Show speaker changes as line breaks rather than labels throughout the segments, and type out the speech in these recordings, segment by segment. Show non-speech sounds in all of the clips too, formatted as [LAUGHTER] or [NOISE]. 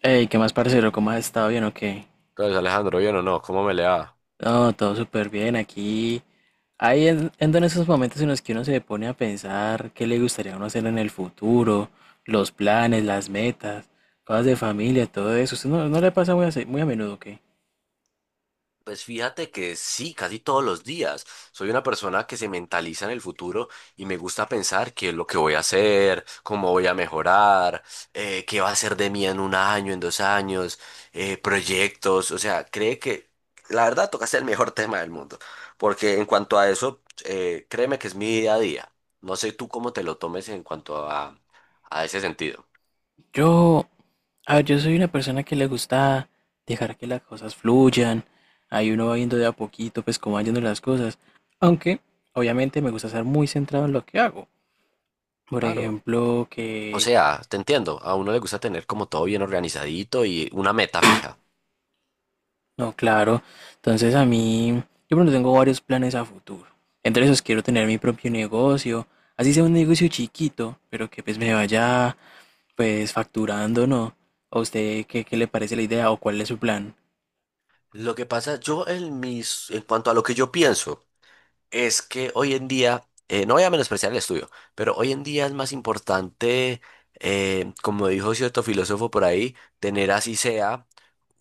Ey, ¿qué más, parcero? ¿Cómo has estado? ¿Bien o qué?
Entonces, Alejandro, ¿bien o no? ¿Cómo me le va?
No, todo súper bien. Aquí, ando en esos momentos en los que uno se pone a pensar qué le gustaría a uno hacer en el futuro, los planes, las metas, cosas de familia, todo eso. ¿Usted no le pasa muy muy a menudo, qué?
Pues fíjate que sí, casi todos los días. Soy una persona que se mentaliza en el futuro y me gusta pensar qué es lo que voy a hacer, cómo voy a mejorar, qué va a ser de mí en un año, en dos años, proyectos. O sea, cree que la verdad tocaste el mejor [LAUGHS] tema del mundo. Porque en cuanto a eso, créeme que es mi día a día. No sé tú cómo te lo tomes en cuanto a ese sentido.
Yo, a ver, yo soy una persona que le gusta dejar que las cosas fluyan. Ahí uno va viendo de a poquito, pues, cómo van yendo las cosas. Aunque, obviamente, me gusta estar muy centrado en lo que hago. Por
Claro.
ejemplo,
O
que
sea, te entiendo, a uno le gusta tener como todo bien organizadito y una meta fija.
No, claro. Entonces a mí, yo pronto tengo varios planes a futuro. Entre esos quiero tener mi propio negocio, así sea un negocio chiquito, pero que pues me vaya pues facturando, ¿no? ¿A usted qué le parece la idea o cuál es su plan?
Lo que pasa, yo en mis, en cuanto a lo que yo pienso, es que hoy en día, no voy a menospreciar el estudio, pero hoy en día es más importante, como dijo cierto filósofo por ahí, tener así sea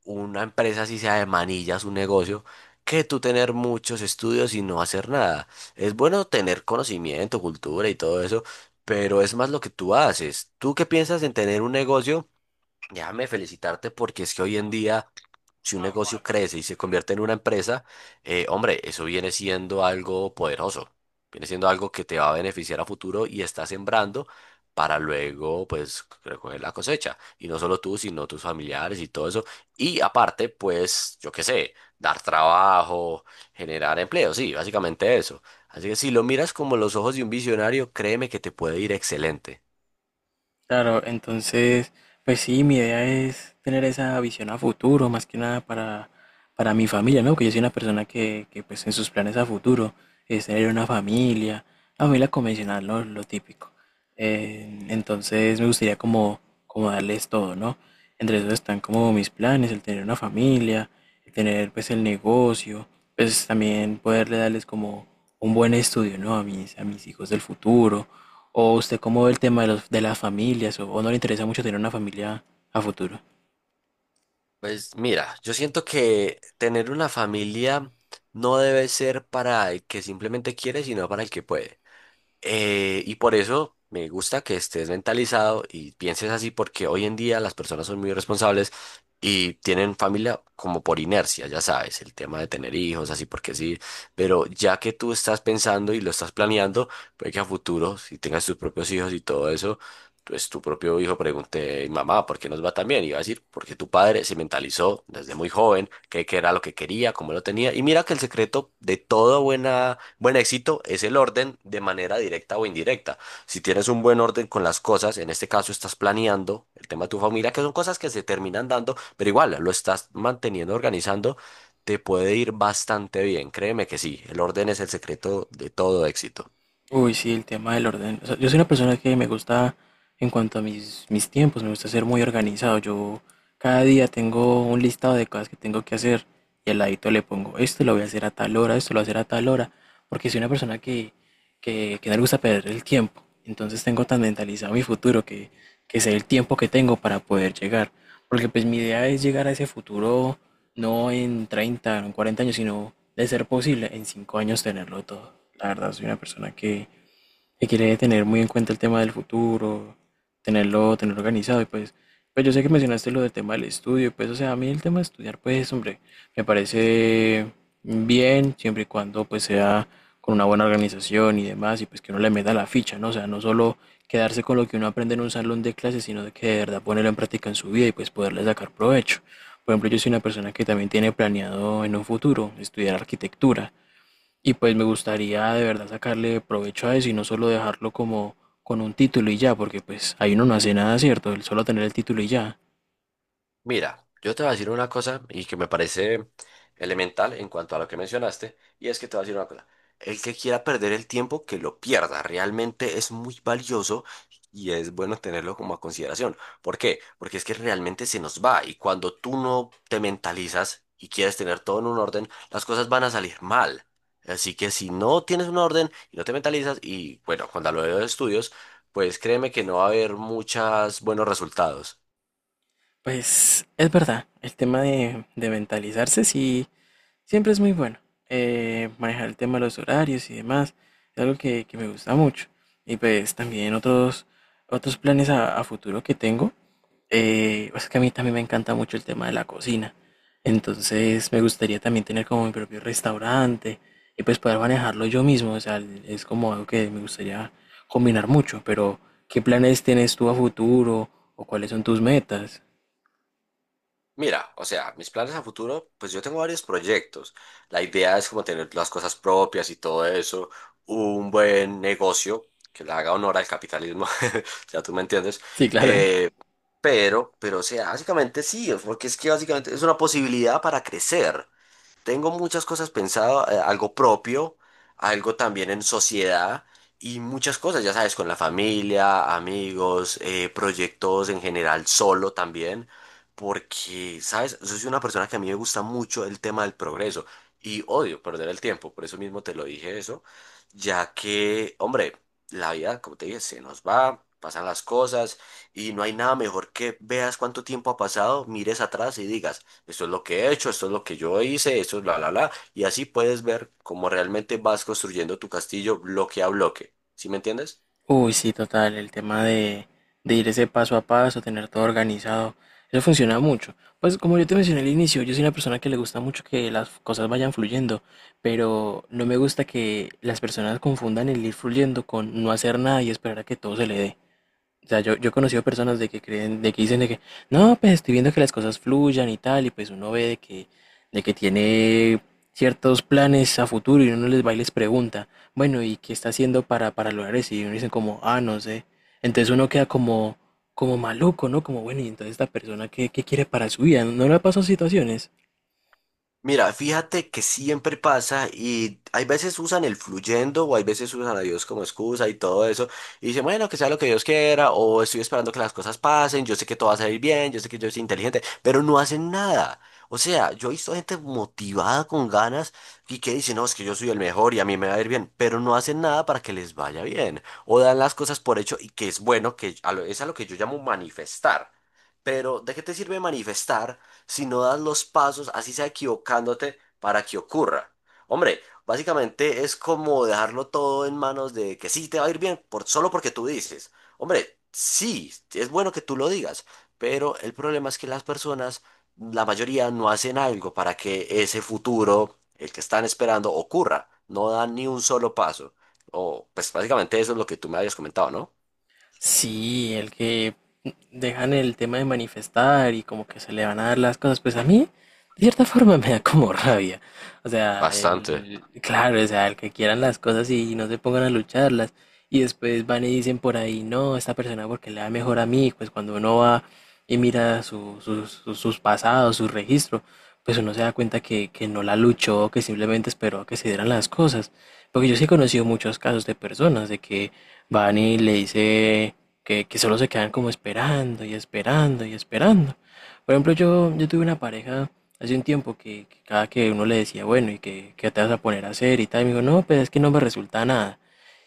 una empresa, así sea de manillas, un negocio, que tú tener muchos estudios y no hacer nada. Es bueno tener conocimiento, cultura y todo eso, pero es más lo que tú haces. ¿Tú qué piensas en tener un negocio? Déjame felicitarte porque es que hoy en día, si un negocio crece y se convierte en una empresa, hombre, eso viene siendo algo poderoso, viene siendo algo que te va a beneficiar a futuro y está sembrando para luego, pues, recoger la cosecha. Y no solo tú, sino tus familiares y todo eso. Y aparte, pues, yo qué sé, dar trabajo, generar empleo, sí, básicamente eso. Así que si lo miras como los ojos de un visionario, créeme que te puede ir excelente.
Claro, entonces, pues sí, mi idea es tener esa visión a futuro, más que nada para mi familia, ¿no? Que yo soy una persona que pues en sus planes a futuro es tener una familia convencional, ¿no? Lo típico. Entonces me gustaría como darles todo, ¿no? Entre esos están como mis planes, el tener una familia, el tener pues el negocio, pues también poderle darles como un buen estudio, ¿no? A a mis hijos del futuro. ¿O usted cómo ve el tema de de las familias? O no le interesa mucho tener una familia a futuro?
Pues mira, yo siento que tener una familia no debe ser para el que simplemente quiere, sino para el que puede. Y por eso me gusta que estés mentalizado y pienses así, porque hoy en día las personas son muy responsables y tienen familia como por inercia, ya sabes, el tema de tener hijos, así porque sí. Pero ya que tú estás pensando y lo estás planeando, puede que a futuro, si tengas tus propios hijos y todo eso entonces tu propio hijo pregunte, mamá, ¿por qué nos va tan bien? Y va a decir, porque tu padre se mentalizó desde muy joven qué era lo que quería, cómo lo tenía. Y mira que el secreto de todo buen éxito es el orden de manera directa o indirecta. Si tienes un buen orden con las cosas, en este caso estás planeando el tema de tu familia, que son cosas que se terminan dando, pero igual lo estás manteniendo, organizando, te puede ir bastante bien. Créeme que sí, el orden es el secreto de todo éxito.
Uy, sí, el tema del orden. O sea, yo soy una persona que me gusta, en cuanto a mis tiempos, me gusta ser muy organizado. Yo cada día tengo un listado de cosas que tengo que hacer y al ladito le pongo, esto lo voy a hacer a tal hora, esto lo voy a hacer a tal hora, porque soy una persona que no le gusta perder el tiempo. Entonces tengo tan mentalizado mi futuro que sé el tiempo que tengo para poder llegar. Porque pues mi idea es llegar a ese futuro no en 30 no en 40 años, sino de ser posible en 5 años tenerlo todo. La verdad, soy una persona que quiere tener muy en cuenta el tema del futuro, tenerlo organizado y pues yo sé que mencionaste lo del tema del estudio, pues o sea, a mí el tema de estudiar pues hombre, me parece bien siempre y cuando pues sea con una buena organización y demás y pues que uno le meta la ficha, ¿no? O sea, no solo quedarse con lo que uno aprende en un salón de clases, sino de que de verdad ponerlo en práctica en su vida y pues poderle sacar provecho. Por ejemplo, yo soy una persona que también tiene planeado en un futuro estudiar arquitectura. Y pues me gustaría de verdad sacarle provecho a eso y no solo dejarlo como con un título y ya, porque pues ahí uno no hace nada, ¿cierto? El solo tener el título y ya.
Mira, yo te voy a decir una cosa y que me parece elemental en cuanto a lo que mencionaste, y es que te voy a decir una cosa. El que quiera perder el tiempo, que lo pierda. Realmente es muy valioso y es bueno tenerlo como a consideración. ¿Por qué? Porque es que realmente se nos va y cuando tú no te mentalizas y quieres tener todo en un orden, las cosas van a salir mal. Así que si no tienes un orden y no te mentalizas, y bueno, cuando hablo de estudios, pues créeme que no va a haber muchos buenos resultados.
Pues es verdad, el tema de mentalizarse sí, siempre es muy bueno. Manejar el tema de los horarios y demás, es algo que me gusta mucho. Y pues también otros planes a futuro que tengo. Pues que a mí también me encanta mucho el tema de la cocina. Entonces me gustaría también tener como mi propio restaurante y pues poder manejarlo yo mismo. O sea, es como algo que me gustaría combinar mucho. Pero, ¿qué planes tienes tú a futuro o cuáles son tus metas?
Mira, o sea, mis planes a futuro, pues yo tengo varios proyectos. La idea es como tener las cosas propias y todo eso, un buen negocio que le haga honor al capitalismo, [LAUGHS] o sea, tú me entiendes.
Sí, claro.
Eh, o sea, básicamente sí, porque es que básicamente es una posibilidad para crecer. Tengo muchas cosas pensado, algo propio, algo también en sociedad y muchas cosas, ya sabes, con la familia, amigos, proyectos en general, solo también, porque, sabes, yo soy una persona que a mí me gusta mucho el tema del progreso y odio perder el tiempo, por eso mismo te lo dije eso, ya que, hombre, la vida, como te dije, se nos va. Pasan las cosas y no hay nada mejor que veas cuánto tiempo ha pasado, mires atrás y digas, esto es lo que he hecho, esto es lo que yo hice, esto es la la la y así puedes ver cómo realmente vas construyendo tu castillo bloque a bloque. ¿Sí me entiendes?
Uy, sí, total, el tema de ir ese paso a paso, tener todo organizado, eso funciona mucho. Pues como yo te mencioné al inicio, yo soy una persona que le gusta mucho que las cosas vayan fluyendo, pero no me gusta que las personas confundan el ir fluyendo con no hacer nada y esperar a que todo se le dé. O sea, yo he conocido personas de que creen, de que dicen de que, no, pues estoy viendo que las cosas fluyan y tal, y pues uno ve de de que tiene ciertos planes a futuro y uno les va y les pregunta, bueno, ¿y qué está haciendo para lograr eso? Y uno dicen como, ah, no sé. Entonces uno queda como maluco, ¿no? Como, bueno, y entonces esta persona, ¿qué quiere para su vida? ¿No le ha pasado situaciones?
Mira, fíjate que siempre pasa y hay veces usan el fluyendo o hay veces usan a Dios como excusa y todo eso y dicen, bueno, que sea lo que Dios quiera o estoy esperando que las cosas pasen, yo sé que todo va a salir bien, yo sé que yo soy inteligente, pero no hacen nada. O sea, yo he visto gente motivada con ganas y que dice, no, es que yo soy el mejor y a mí me va a ir bien, pero no hacen nada para que les vaya bien o dan las cosas por hecho y que es bueno, es a lo que yo llamo manifestar. Pero, ¿de qué te sirve manifestar si no das los pasos, así sea equivocándote, para que ocurra? Hombre, básicamente es como dejarlo todo en manos de que sí te va a ir bien, por, solo porque tú dices. Hombre, sí, es bueno que tú lo digas, pero el problema es que las personas, la mayoría, no hacen algo para que ese futuro, el que están esperando, ocurra. No dan ni un solo paso. O, pues básicamente eso es lo que tú me habías comentado, ¿no?
Sí, el que dejan el tema de manifestar y como que se le van a dar las cosas, pues a mí de cierta forma [LAUGHS] me da como rabia. O sea,
Bastante.
el, claro, o sea, el que quieran las cosas y no se pongan a lucharlas y después van y dicen por ahí, no, esta persona porque le da mejor a mí, pues cuando uno va y mira sus pasados, su registro, pues uno se da cuenta que no la luchó, que simplemente esperó a que se dieran las cosas. Porque yo sí he conocido muchos casos de personas de que van y le dice que solo se quedan como esperando y esperando y esperando. Por ejemplo, yo tuve una pareja hace un tiempo que cada que uno le decía, bueno, ¿y qué te vas a poner a hacer? Y tal, y me dijo, no, pues es que no me resulta nada.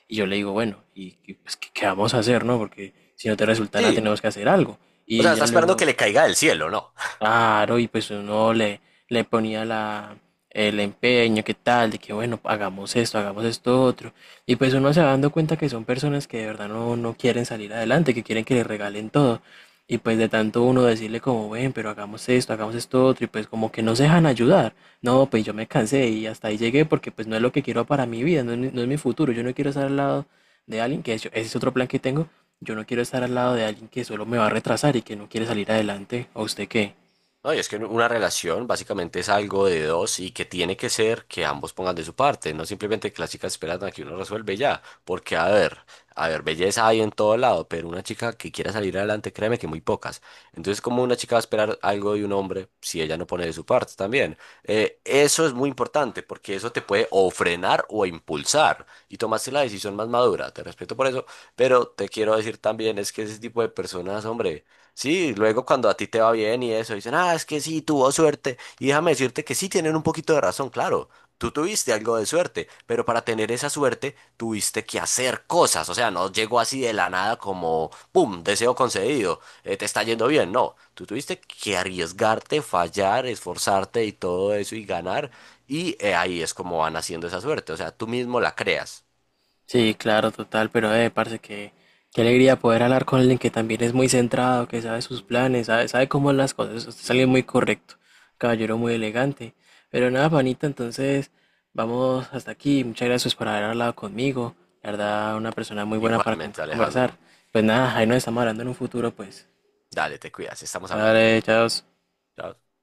Y yo le digo, bueno, pues, qué vamos a hacer, no? Porque si no te resulta nada,
Sí,
tenemos que hacer algo.
o
Y
sea, está
ella
esperando que
luego,
le caiga del cielo, ¿no?
claro, y pues uno le ponía el empeño, qué tal, de que bueno, hagamos esto otro. Y pues uno se va dando cuenta que son personas que de verdad no quieren salir adelante, que quieren que le regalen todo. Y pues de tanto uno decirle como, ven, pero hagamos esto otro, y pues como que no se dejan ayudar. No, pues yo me cansé y hasta ahí llegué porque pues no es lo que quiero para mi vida, no es mi futuro. Yo no quiero estar al lado de alguien, ese es otro plan que tengo. Yo no quiero estar al lado de alguien que solo me va a retrasar y que no quiere salir adelante. ¿A usted qué?
No, y es que una relación básicamente es algo de dos y que tiene que ser que ambos pongan de su parte, no simplemente que las chicas esperan a que uno resuelve y ya, porque a ver, belleza hay en todo lado, pero una chica que quiera salir adelante, créeme que muy pocas. Entonces, ¿cómo una chica va a esperar algo de un hombre si ella no pone de su parte también? Eso es muy importante porque eso te puede o frenar o impulsar y tomaste la decisión más madura, te respeto por eso, pero te quiero decir también es que ese tipo de personas, hombre. Sí, luego cuando a ti te va bien y eso, dicen, ah, es que sí, tuvo suerte. Y déjame decirte que sí tienen un poquito de razón, claro. Tú tuviste algo de suerte, pero para tener esa suerte tuviste que hacer cosas. O sea, no llegó así de la nada como, ¡pum!, deseo concedido, te está yendo bien. No, tú tuviste que arriesgarte, fallar, esforzarte y todo eso y ganar. Y ahí es como van haciendo esa suerte. O sea, tú mismo la creas.
Sí, claro, total, pero parce, que qué alegría poder hablar con alguien que también es muy centrado, que sabe sus planes, sabe cómo son las cosas. Usted es alguien muy correcto, caballero muy elegante. Pero nada, panita, entonces vamos hasta aquí. Muchas gracias por haber hablado conmigo. La verdad, una persona muy buena para
Igualmente,
conversar.
Alejandro.
Pues nada, ahí nos estamos hablando en un futuro, pues.
Dale, te cuidas, estamos hablando.
Dale, chao.
Chao.